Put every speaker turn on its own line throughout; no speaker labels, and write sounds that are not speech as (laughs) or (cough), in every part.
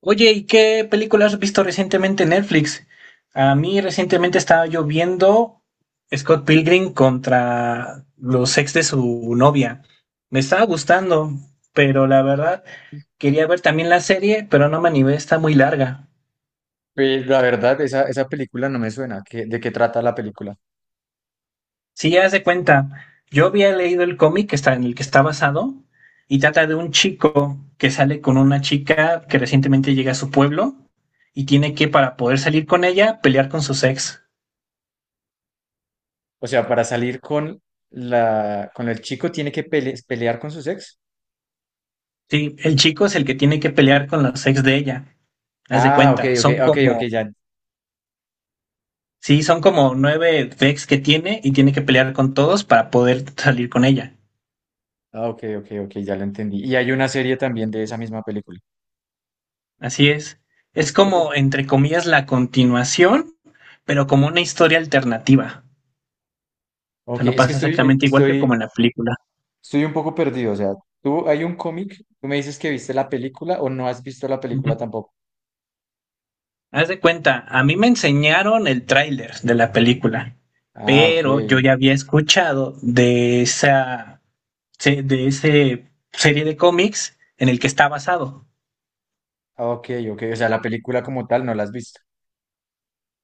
Oye, ¿y qué películas has visto recientemente en Netflix? A mí recientemente estaba yo viendo Scott Pilgrim contra los ex de su novia. Me estaba gustando, pero la verdad quería ver también la serie, pero no me animé, está muy larga.
Pues, la verdad, esa película no me suena. ¿ De qué trata la película?
Si ya de cuenta, yo había leído el cómic que está en el que está basado y trata de un chico que sale con una chica que recientemente llega a su pueblo y tiene que, para poder salir con ella, pelear con sus ex.
O sea, para salir con la con el chico tiene que pelear con su ex.
Sí, el chico es el que tiene que pelear con los ex de ella. Haz de
Ah, ok,
cuenta,
ok,
son
ok, ok,
como,
ya.
sí, son como 9 ex que tiene y tiene que pelear con todos para poder salir con ella.
Ah, ok, ok, ok, ya lo entendí. Y hay una serie también de esa misma película.
Así es. Es
Ok,
como, entre comillas, la continuación, pero como una historia alternativa. O sea,
ok,
no
es que
pasa exactamente igual que
estoy,
como en la película.
estoy un poco perdido. O sea, tú hay un cómic, tú me dices que viste la película o no has visto la película
Ujú.
tampoco.
Haz de cuenta, a mí me enseñaron el tráiler de la película,
Ah, ok.
pero yo ya había escuchado de esa de ese serie de cómics en el que está basado.
Ah, ok, ok. O sea, la película como tal no la has visto.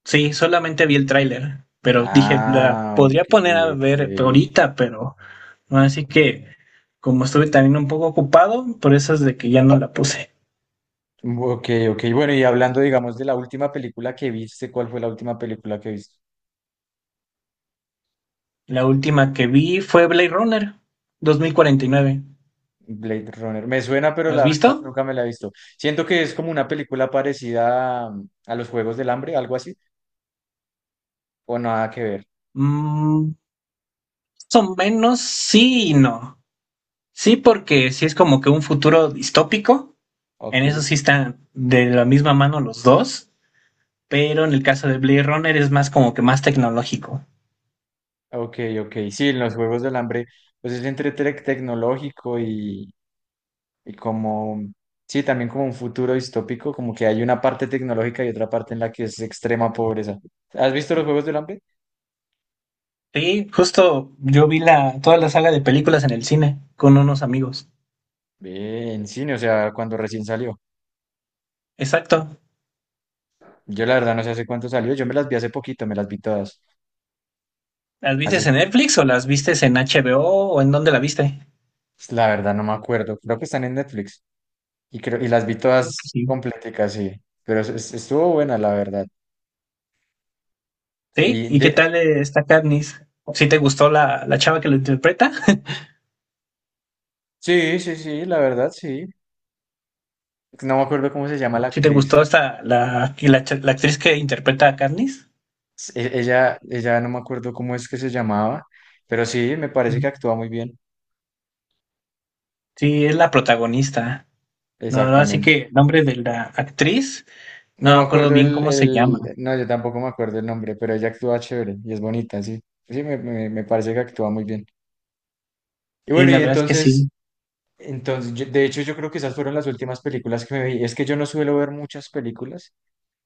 Sí, solamente vi el tráiler, pero dije, la
Ah,
podría
ok,
poner a
ok.
ver ahorita, pero no, así que como estuve también un poco ocupado, por eso es de que ya no la puse.
Ok, ok. Bueno, y hablando, digamos, de la última película que viste, ¿cuál fue la última película que viste?
La última que vi fue Blade Runner 2049.
Blade Runner. Me suena, pero
¿La ¿Has
la verdad
visto?
nunca me la he visto. Siento que es como una película parecida a los Juegos del Hambre, algo así, o nada que ver.
Mm, más o menos sí y no. Sí, porque sí es como que un futuro distópico. En
Ok,
eso sí están de la misma mano los dos, pero en el caso de Blade Runner es más como que más tecnológico.
ok, ok. Sí, en los Juegos del Hambre, pues es entre tecnológico y como, sí, también como un futuro distópico, como que hay una parte tecnológica y otra parte en la que es extrema pobreza. ¿Has visto los Juegos del Hambre?
Sí, justo yo vi la, toda la saga de películas en el cine con unos amigos.
Ve, en cine, o sea, cuando recién salió.
Exacto.
Yo la verdad no sé hace cuánto salió. Yo me las vi hace poquito, me las vi todas.
¿Las viste
Hace,
en Netflix o las viste en HBO o en dónde la viste?
la verdad no me acuerdo. Creo que están en Netflix. Y creo, y las vi
Creo que
todas
sí.
completicas, sí. Pero estuvo buena, la verdad.
¿Sí?
Y
¿Y qué
de,
tal está Katniss? ¿Sí te gustó la, la chava que lo interpreta? (laughs)
sí, sí, sí, la verdad, sí. No me acuerdo cómo se llama la
¿Sí te gustó
actriz.
esta, la, y la, la actriz que interpreta a Katniss?
Ella, no me acuerdo cómo es que se llamaba, pero sí, me parece
Ujú.
que actúa muy bien.
Sí, es la protagonista. No, no, así
Exactamente.
que el nombre de la actriz, no
No me
me acuerdo
acuerdo
bien cómo se llama.
no, yo tampoco me acuerdo el nombre, pero ella actúa chévere y es bonita, sí. Sí, me parece que actúa muy bien. Y
Sí,
bueno,
la
y
verdad es que
entonces
sí.
entonces, de hecho, yo creo que esas fueron las últimas películas que me vi. Es que yo no suelo ver muchas películas,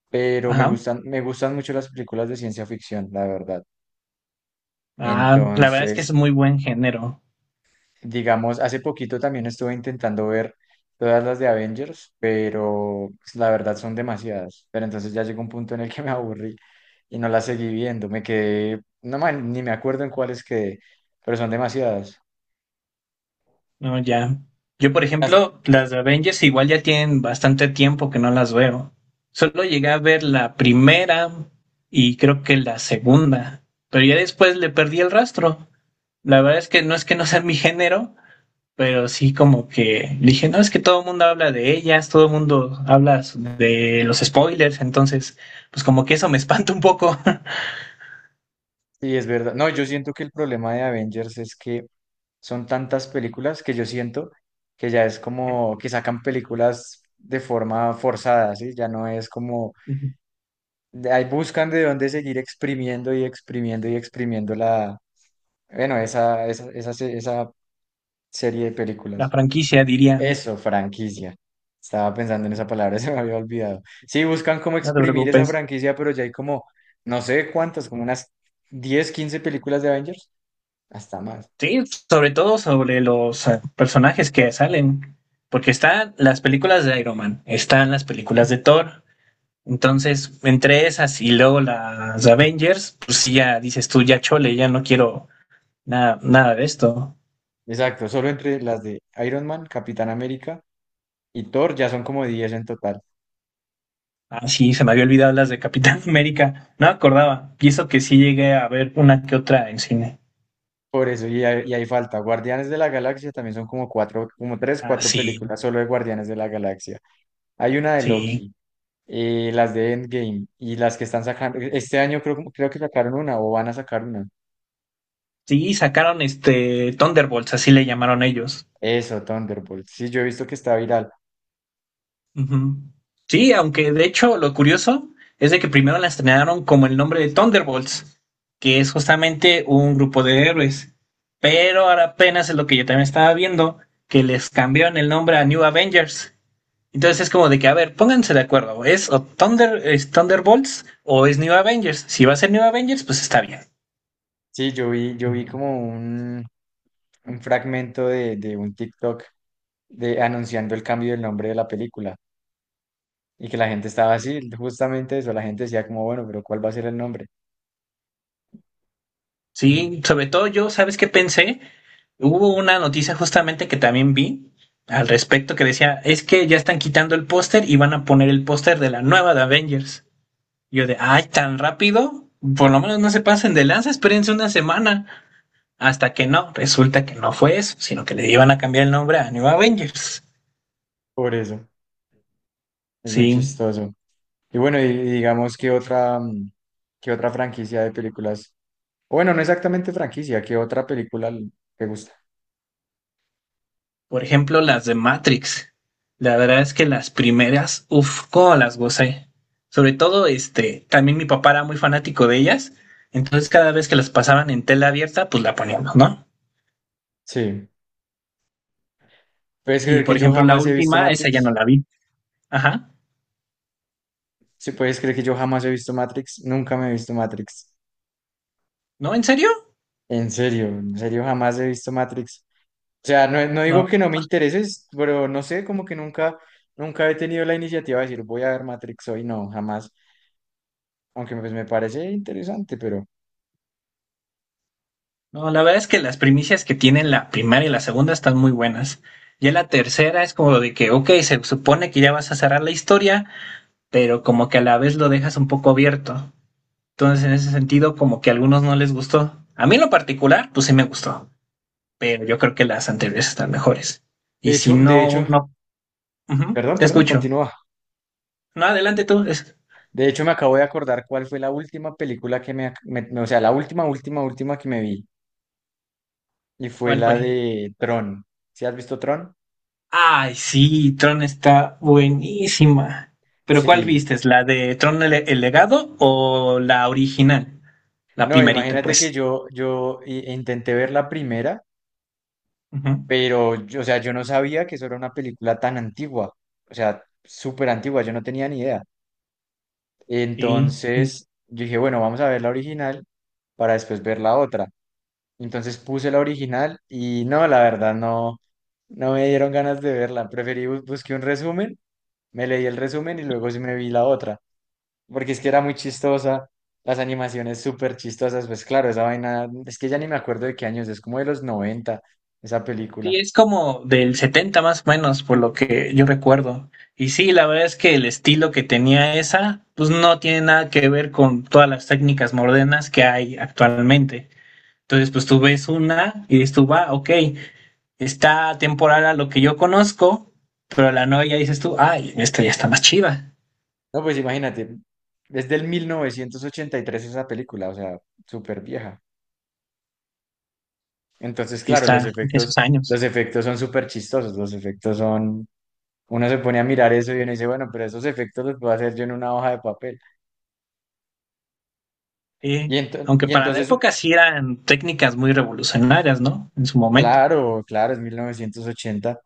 pero
Ajá.
me gustan mucho las películas de ciencia ficción, la verdad.
Ah, la verdad es que es
Entonces,
muy buen género.
digamos, hace poquito también estuve intentando ver todas las de Avengers, pero pues, la verdad son demasiadas. Pero entonces ya llegó un punto en el que me aburrí y no las seguí viendo. Me quedé, no man, ni me acuerdo en cuáles quedé, pero son demasiadas.
No, ya. Yo, por
Y las,
ejemplo, las de Avengers igual ya tienen bastante tiempo que no las veo. Solo llegué a ver la primera y creo que la segunda, pero ya después le perdí el rastro. La verdad es que no sea mi género, pero sí como que dije, no, es que todo el mundo habla de ellas, todo el mundo habla de los spoilers, entonces pues como que eso me espanta un poco.
y es verdad. No, yo siento que el problema de Avengers es que son tantas películas que yo siento que ya es como que sacan películas de forma forzada, ¿sí? Ya no es como,
(laughs)
ahí buscan de dónde seguir exprimiendo y exprimiendo y exprimiendo la, bueno, esa serie de
La
películas.
franquicia, diría, no
Eso, franquicia. Estaba pensando en esa palabra, (laughs) se me había olvidado. Sí, buscan como
te
exprimir esa
preocupes.
franquicia, pero ya hay como, no sé cuántas, como unas 10 15 películas de Avengers, hasta más.
Sí, sobre todo sobre los personajes que salen, porque están las películas de Iron Man, están las películas de Thor, entonces entre esas y luego las Avengers, pues sí, ya dices tú, ya chole, ya no quiero nada, nada de esto.
Exacto, solo entre las de Iron Man, Capitán América y Thor ya son como 10 en total.
Ah, sí, se me había olvidado las de Capitán (laughs) América, no me acordaba, y eso que sí llegué a ver una que otra en cine.
Por eso, y hay falta. Guardianes de la Galaxia también son como cuatro, como tres,
Ah,
cuatro
sí,
películas solo de Guardianes de la Galaxia. Hay una de
sí,
Loki, las de Endgame y las que están sacando. Este año creo, creo que sacaron una o van a sacar una.
sí, sacaron este Thunderbolts, así le llamaron ellos.
Eso, Thunderbolt. Sí, yo he visto que está viral.
Ujú. Sí, aunque de hecho lo curioso es de que primero la estrenaron como el nombre de Thunderbolts, que es justamente un grupo de héroes. Pero ahora apenas es lo que yo también estaba viendo, que les cambiaron el nombre a New Avengers. Entonces es como de que, a ver, pónganse de acuerdo, ¿es o Thunder, es Thunderbolts o es New Avengers? Si va a ser New Avengers, pues está bien.
Sí, yo vi como un fragmento de un TikTok de, anunciando el cambio del nombre de la película. Y que la gente estaba así, justamente eso, la gente decía como, bueno, pero ¿cuál va a ser el nombre? Ujú.
Sí, sobre todo yo, ¿sabes qué pensé? Hubo una noticia justamente que también vi al respecto que decía, es que ya están quitando el póster y van a poner el póster de la nueva de Avengers. Y yo de, ay, tan rápido, por lo menos no se pasen de lanza, espérense una semana. Hasta que no, resulta que no fue eso, sino que le iban a cambiar el nombre a New Avengers.
Por eso, es muy
Sí.
chistoso. Y bueno, y digamos que otra, qué otra franquicia de películas, o bueno, no exactamente franquicia, ¿qué otra película te gusta?
Por ejemplo, las de Matrix. La verdad es que las primeras, uff, cómo las gocé. Sobre todo, este, también mi papá era muy fanático de ellas. Entonces, cada vez que las pasaban en tela abierta, pues la poníamos, ¿no?
Sí, ¿puedes
Y
creer que
por
yo
ejemplo, la
jamás he visto
última, esa ya no
Matrix?
la vi. Ajá.
Sí, ¿puedes creer que yo jamás he visto Matrix? Nunca me he visto Matrix.
¿No? ¿En serio?
En serio, jamás he visto Matrix. O sea, no, no digo
No.
que no me intereses, pero no sé, como que nunca, nunca he tenido la iniciativa de decir, voy a ver Matrix hoy, no, jamás. Aunque pues me parece interesante, pero
No, la verdad es que las primicias que tienen la primera y la segunda están muy buenas. Ya la tercera es como de que, ok, se supone que ya vas a cerrar la historia, pero como que a la vez lo dejas un poco abierto. Entonces, en ese sentido, como que a algunos no les gustó. A mí en lo particular, pues sí me gustó, pero yo creo que las anteriores están mejores. Y si
de
no,
hecho,
no, ujú,
perdón,
te
perdón,
escucho.
continúa.
No, adelante tú. Es-
De hecho, me acabo de acordar cuál fue la última película que me, o sea, la última, última, última que me vi, y fue
¿Cuál
la
fue?
de Tron. ¿Sí has visto Tron?
Ay, sí, Tron está buenísima. Pero ¿cuál
Sí.
viste? ¿La de Tron el legado o la original? La
No,
primerita,
imagínate que
pues.
yo intenté ver la primera.
Ujú.
Pero, o sea, yo no sabía que eso era una película tan antigua, o sea, súper antigua, yo no tenía ni idea.
Sí, sí,
Entonces, yo dije, bueno, vamos a ver la original para después ver la otra. Entonces puse la original y no, la verdad, no, no me dieron ganas de verla. Preferí busqué un resumen, me leí el resumen y luego sí me vi la otra, porque es que era muy chistosa, las animaciones súper chistosas, pues claro, esa vaina, es que ya ni me acuerdo de qué años, es como de los 90 esa
sí,
película.
es como del 70 más o menos, por lo que yo recuerdo. Y sí, la verdad es que el estilo que tenía esa, pues no tiene nada que ver con todas las técnicas modernas que hay actualmente. Entonces, pues tú ves una y dices tú, va, ok, está temporal a lo que yo conozco, pero la nueva ya dices tú, ay, esta ya está más chiva.
No, pues imagínate, es del 1983 esa película, o sea, súper vieja. Entonces,
Sí,
claro,
está en esos años.
los efectos son súper chistosos, los efectos son... Uno se pone a mirar eso y uno dice, bueno, pero esos efectos los puedo hacer yo en una hoja de papel. Y,
Sí, aunque
y
para la
entonces,
época sí eran técnicas muy revolucionarias, ¿no? En su momento.
claro, claro, es 1980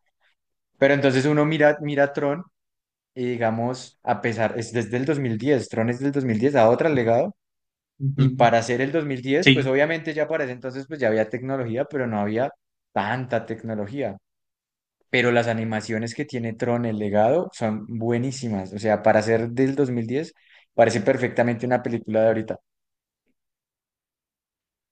pero entonces uno mira, mira Tron y digamos, a pesar, es desde el 2010. Tron es del 2010, a otro legado. Y
Ujú.
para hacer el 2010 pues
Sí.
obviamente ya para ese entonces pues ya había tecnología, pero no había tanta tecnología. Pero las animaciones que tiene Tron, el legado, son buenísimas. O sea, para hacer del 2010 parece perfectamente una película de ahorita.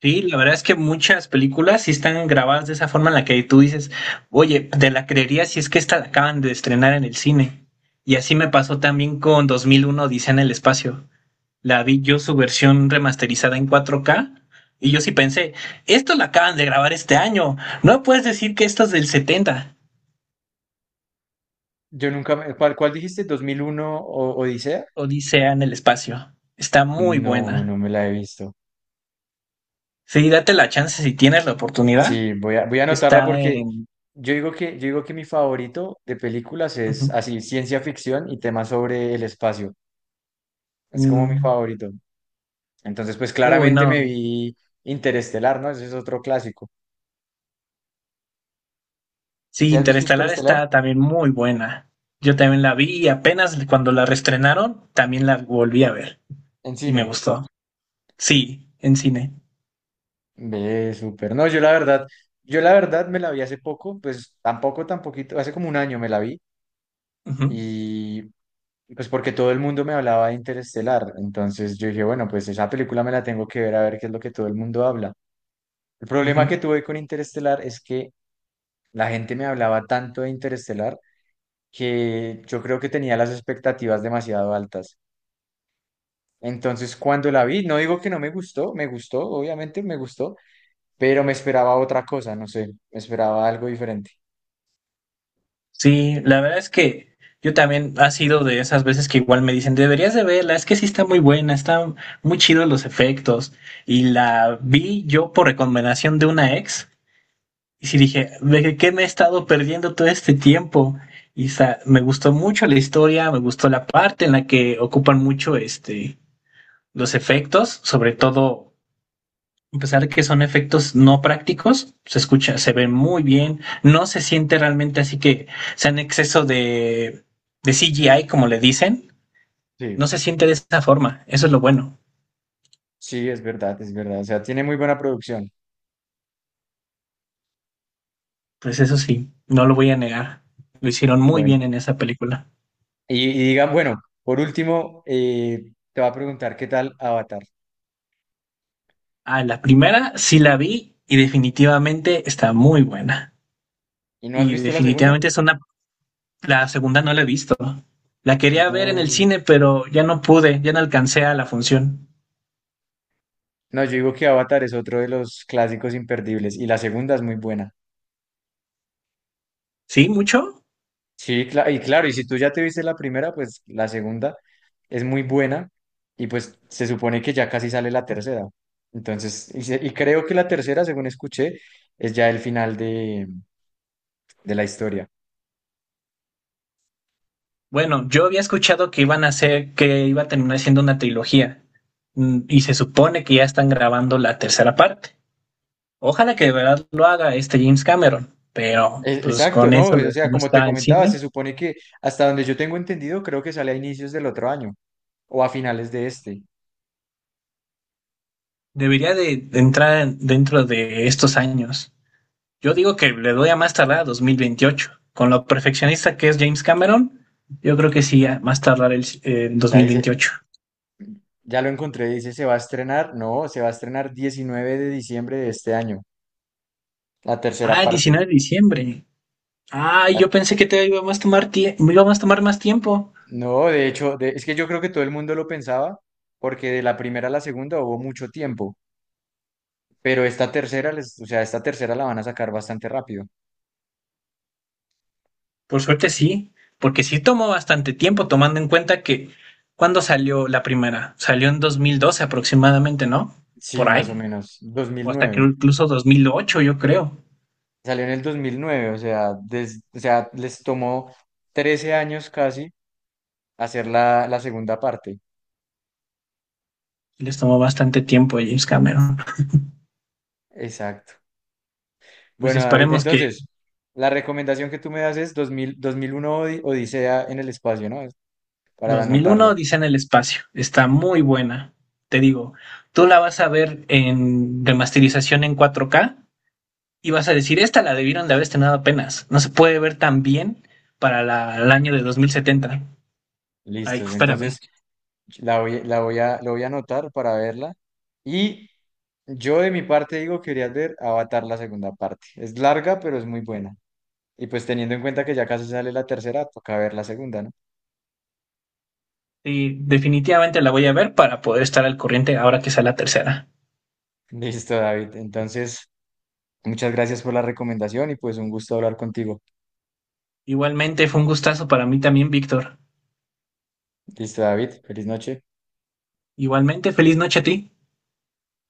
Sí, la verdad es que muchas películas sí están grabadas de esa forma en la que tú dices, oye, te la creería si es que esta la acaban de estrenar en el cine. Y así me pasó también con 2001 Odisea en el espacio. La vi yo su versión remasterizada en 4K y yo sí pensé, esto la acaban de grabar este año. No puedes decir que esto es del 70.
Yo nunca me- ¿Cuál, cuál dijiste? ¿2001 o Odisea?
Odisea en el espacio. Está muy
No,
buena.
no me la he visto.
Sí, date la chance si tienes la oportunidad.
Sí, voy a, voy a anotarla
Está
porque
en...
yo digo que mi favorito de películas
(laughs)
es
Ujú.
así, ciencia ficción y temas sobre el espacio. Es como mi
Mm.
favorito. Entonces, pues
Uy,
claramente me
no.
vi Interestelar, ¿no? Ese es otro clásico.
Sí,
¿Sí has visto
Interestelar
Interestelar
está también muy buena. Yo también la vi y apenas cuando la reestrenaron, también la volví a ver
en
y me
cine?
gustó. Sí, en cine.
Ve, súper. No, yo la verdad me la vi hace poco, pues tampoco, tan poquito, hace como un año me la vi
Ujú,
y pues porque todo el mundo me hablaba de Interestelar, entonces yo dije, bueno, pues esa película me la tengo que ver a ver qué es lo que todo el mundo habla. El
ujú.
problema que tuve con Interestelar es que la gente me hablaba tanto de Interestelar que yo creo que tenía las expectativas demasiado altas. Entonces, cuando la vi, no digo que no me gustó, me gustó, obviamente me gustó, pero me esperaba otra cosa, no sé, me esperaba algo diferente.
Sí, la verdad es que yo también ha sido de esas veces que igual me dicen, deberías de verla, es que sí está muy buena, están muy chidos los efectos. Y la vi yo por recomendación de una ex. Y sí dije, ¿de qué me he estado perdiendo todo este tiempo? Y me gustó mucho la historia, me gustó la parte en la que ocupan mucho este, los efectos, sobre todo, a pesar de que son efectos no prácticos, se escucha, se ve muy bien, no se siente realmente así que sea en exceso de CGI, como le dicen, no
Sí,
se siente de esa forma, eso es lo bueno.
sí, es verdad, es verdad. O sea, tiene muy buena producción.
Pues eso sí, no lo voy a negar, lo hicieron muy
Bueno,
bien en esa película.
bueno, por último, te va a preguntar qué tal Avatar.
Ah, la primera sí la vi y definitivamente está muy buena.
¿Y no has
Y
visto la segunda?
definitivamente es una... La segunda no la he visto. La quería ver en el
No,
cine, pero ya no pude, ya no alcancé a la función.
no, yo digo que Avatar es otro de los clásicos imperdibles y la segunda es muy buena.
¿Sí? ¿Mucho?
Sí, y claro, y si tú ya te viste la primera, pues la segunda es muy buena y pues se supone que ya casi sale la tercera. Entonces, y creo que la tercera, según escuché, es ya el final de la historia.
Bueno, yo había escuchado que iban a hacer, que iba a terminar siendo una trilogía. Mm, y se supone que ya están grabando la tercera parte. Ojalá que de verdad lo haga este James Cameron. Pero, pues
Exacto,
con
¿no?
eso
O
de
sea,
cómo
como te
está el
comentaba,
cine,
se supone que hasta donde yo tengo entendido, creo que sale a inicios del otro año o a finales de este.
debería de entrar en- dentro de estos años. Yo digo que le doy a más tardar a 2028. Con lo perfeccionista que es James Cameron, yo creo que sí, a más tardar el
La dice,
2028.
ya lo encontré, dice, se va a estrenar, no, se va a estrenar 19 de diciembre de este año, la tercera
Ah, el
parte.
19 de diciembre. Ah, yo pensé que te iba a más tomar tie- me iba a más tomar más tiempo.
No, de hecho, es que yo creo que todo el mundo lo pensaba, porque de la primera a la segunda hubo mucho tiempo, pero esta tercera, o sea, esta tercera la van a sacar bastante rápido.
Por suerte sí, porque sí tomó bastante tiempo, tomando en cuenta que ¿cuándo salió la primera? Salió en 2012 aproximadamente, ¿no?
Sí,
Por
más o
ahí.
menos, Dos
O
mil
hasta que
nueve
incluso 2008, yo creo.
Salió en el 2009, o sea, o sea, les tomó 13 años casi hacer la, la segunda parte.
Les tomó bastante tiempo a James Cameron.
Exacto.
Pues
Bueno, David,
esperemos que
entonces, la recomendación que tú me das es 2001 Odisea en el espacio, ¿no? Para
2001,
anotarlo.
Odisea en el espacio. Está muy buena. Te digo, tú la vas a ver en remasterización en 4K y vas a decir, esta la debieron de haber estrenado apenas. No se puede ver tan bien para la, el año de 2070. Ay,
Listos.
espérame.
Entonces, la voy, la voy a, lo voy a anotar para verla. Y yo de mi parte digo que quería ver Avatar la segunda parte. Es larga, pero es muy buena. Y pues teniendo en cuenta que ya casi sale la tercera, toca ver la segunda, ¿no?
Sí, definitivamente la voy a ver para poder estar al corriente ahora que sea la tercera.
(laughs) Listo, David. Entonces, muchas gracias por la recomendación y pues un gusto hablar contigo.
Igualmente fue un gustazo para mí también, Víctor.
Listo, David. Feliz noche.
Igualmente, feliz noche a ti.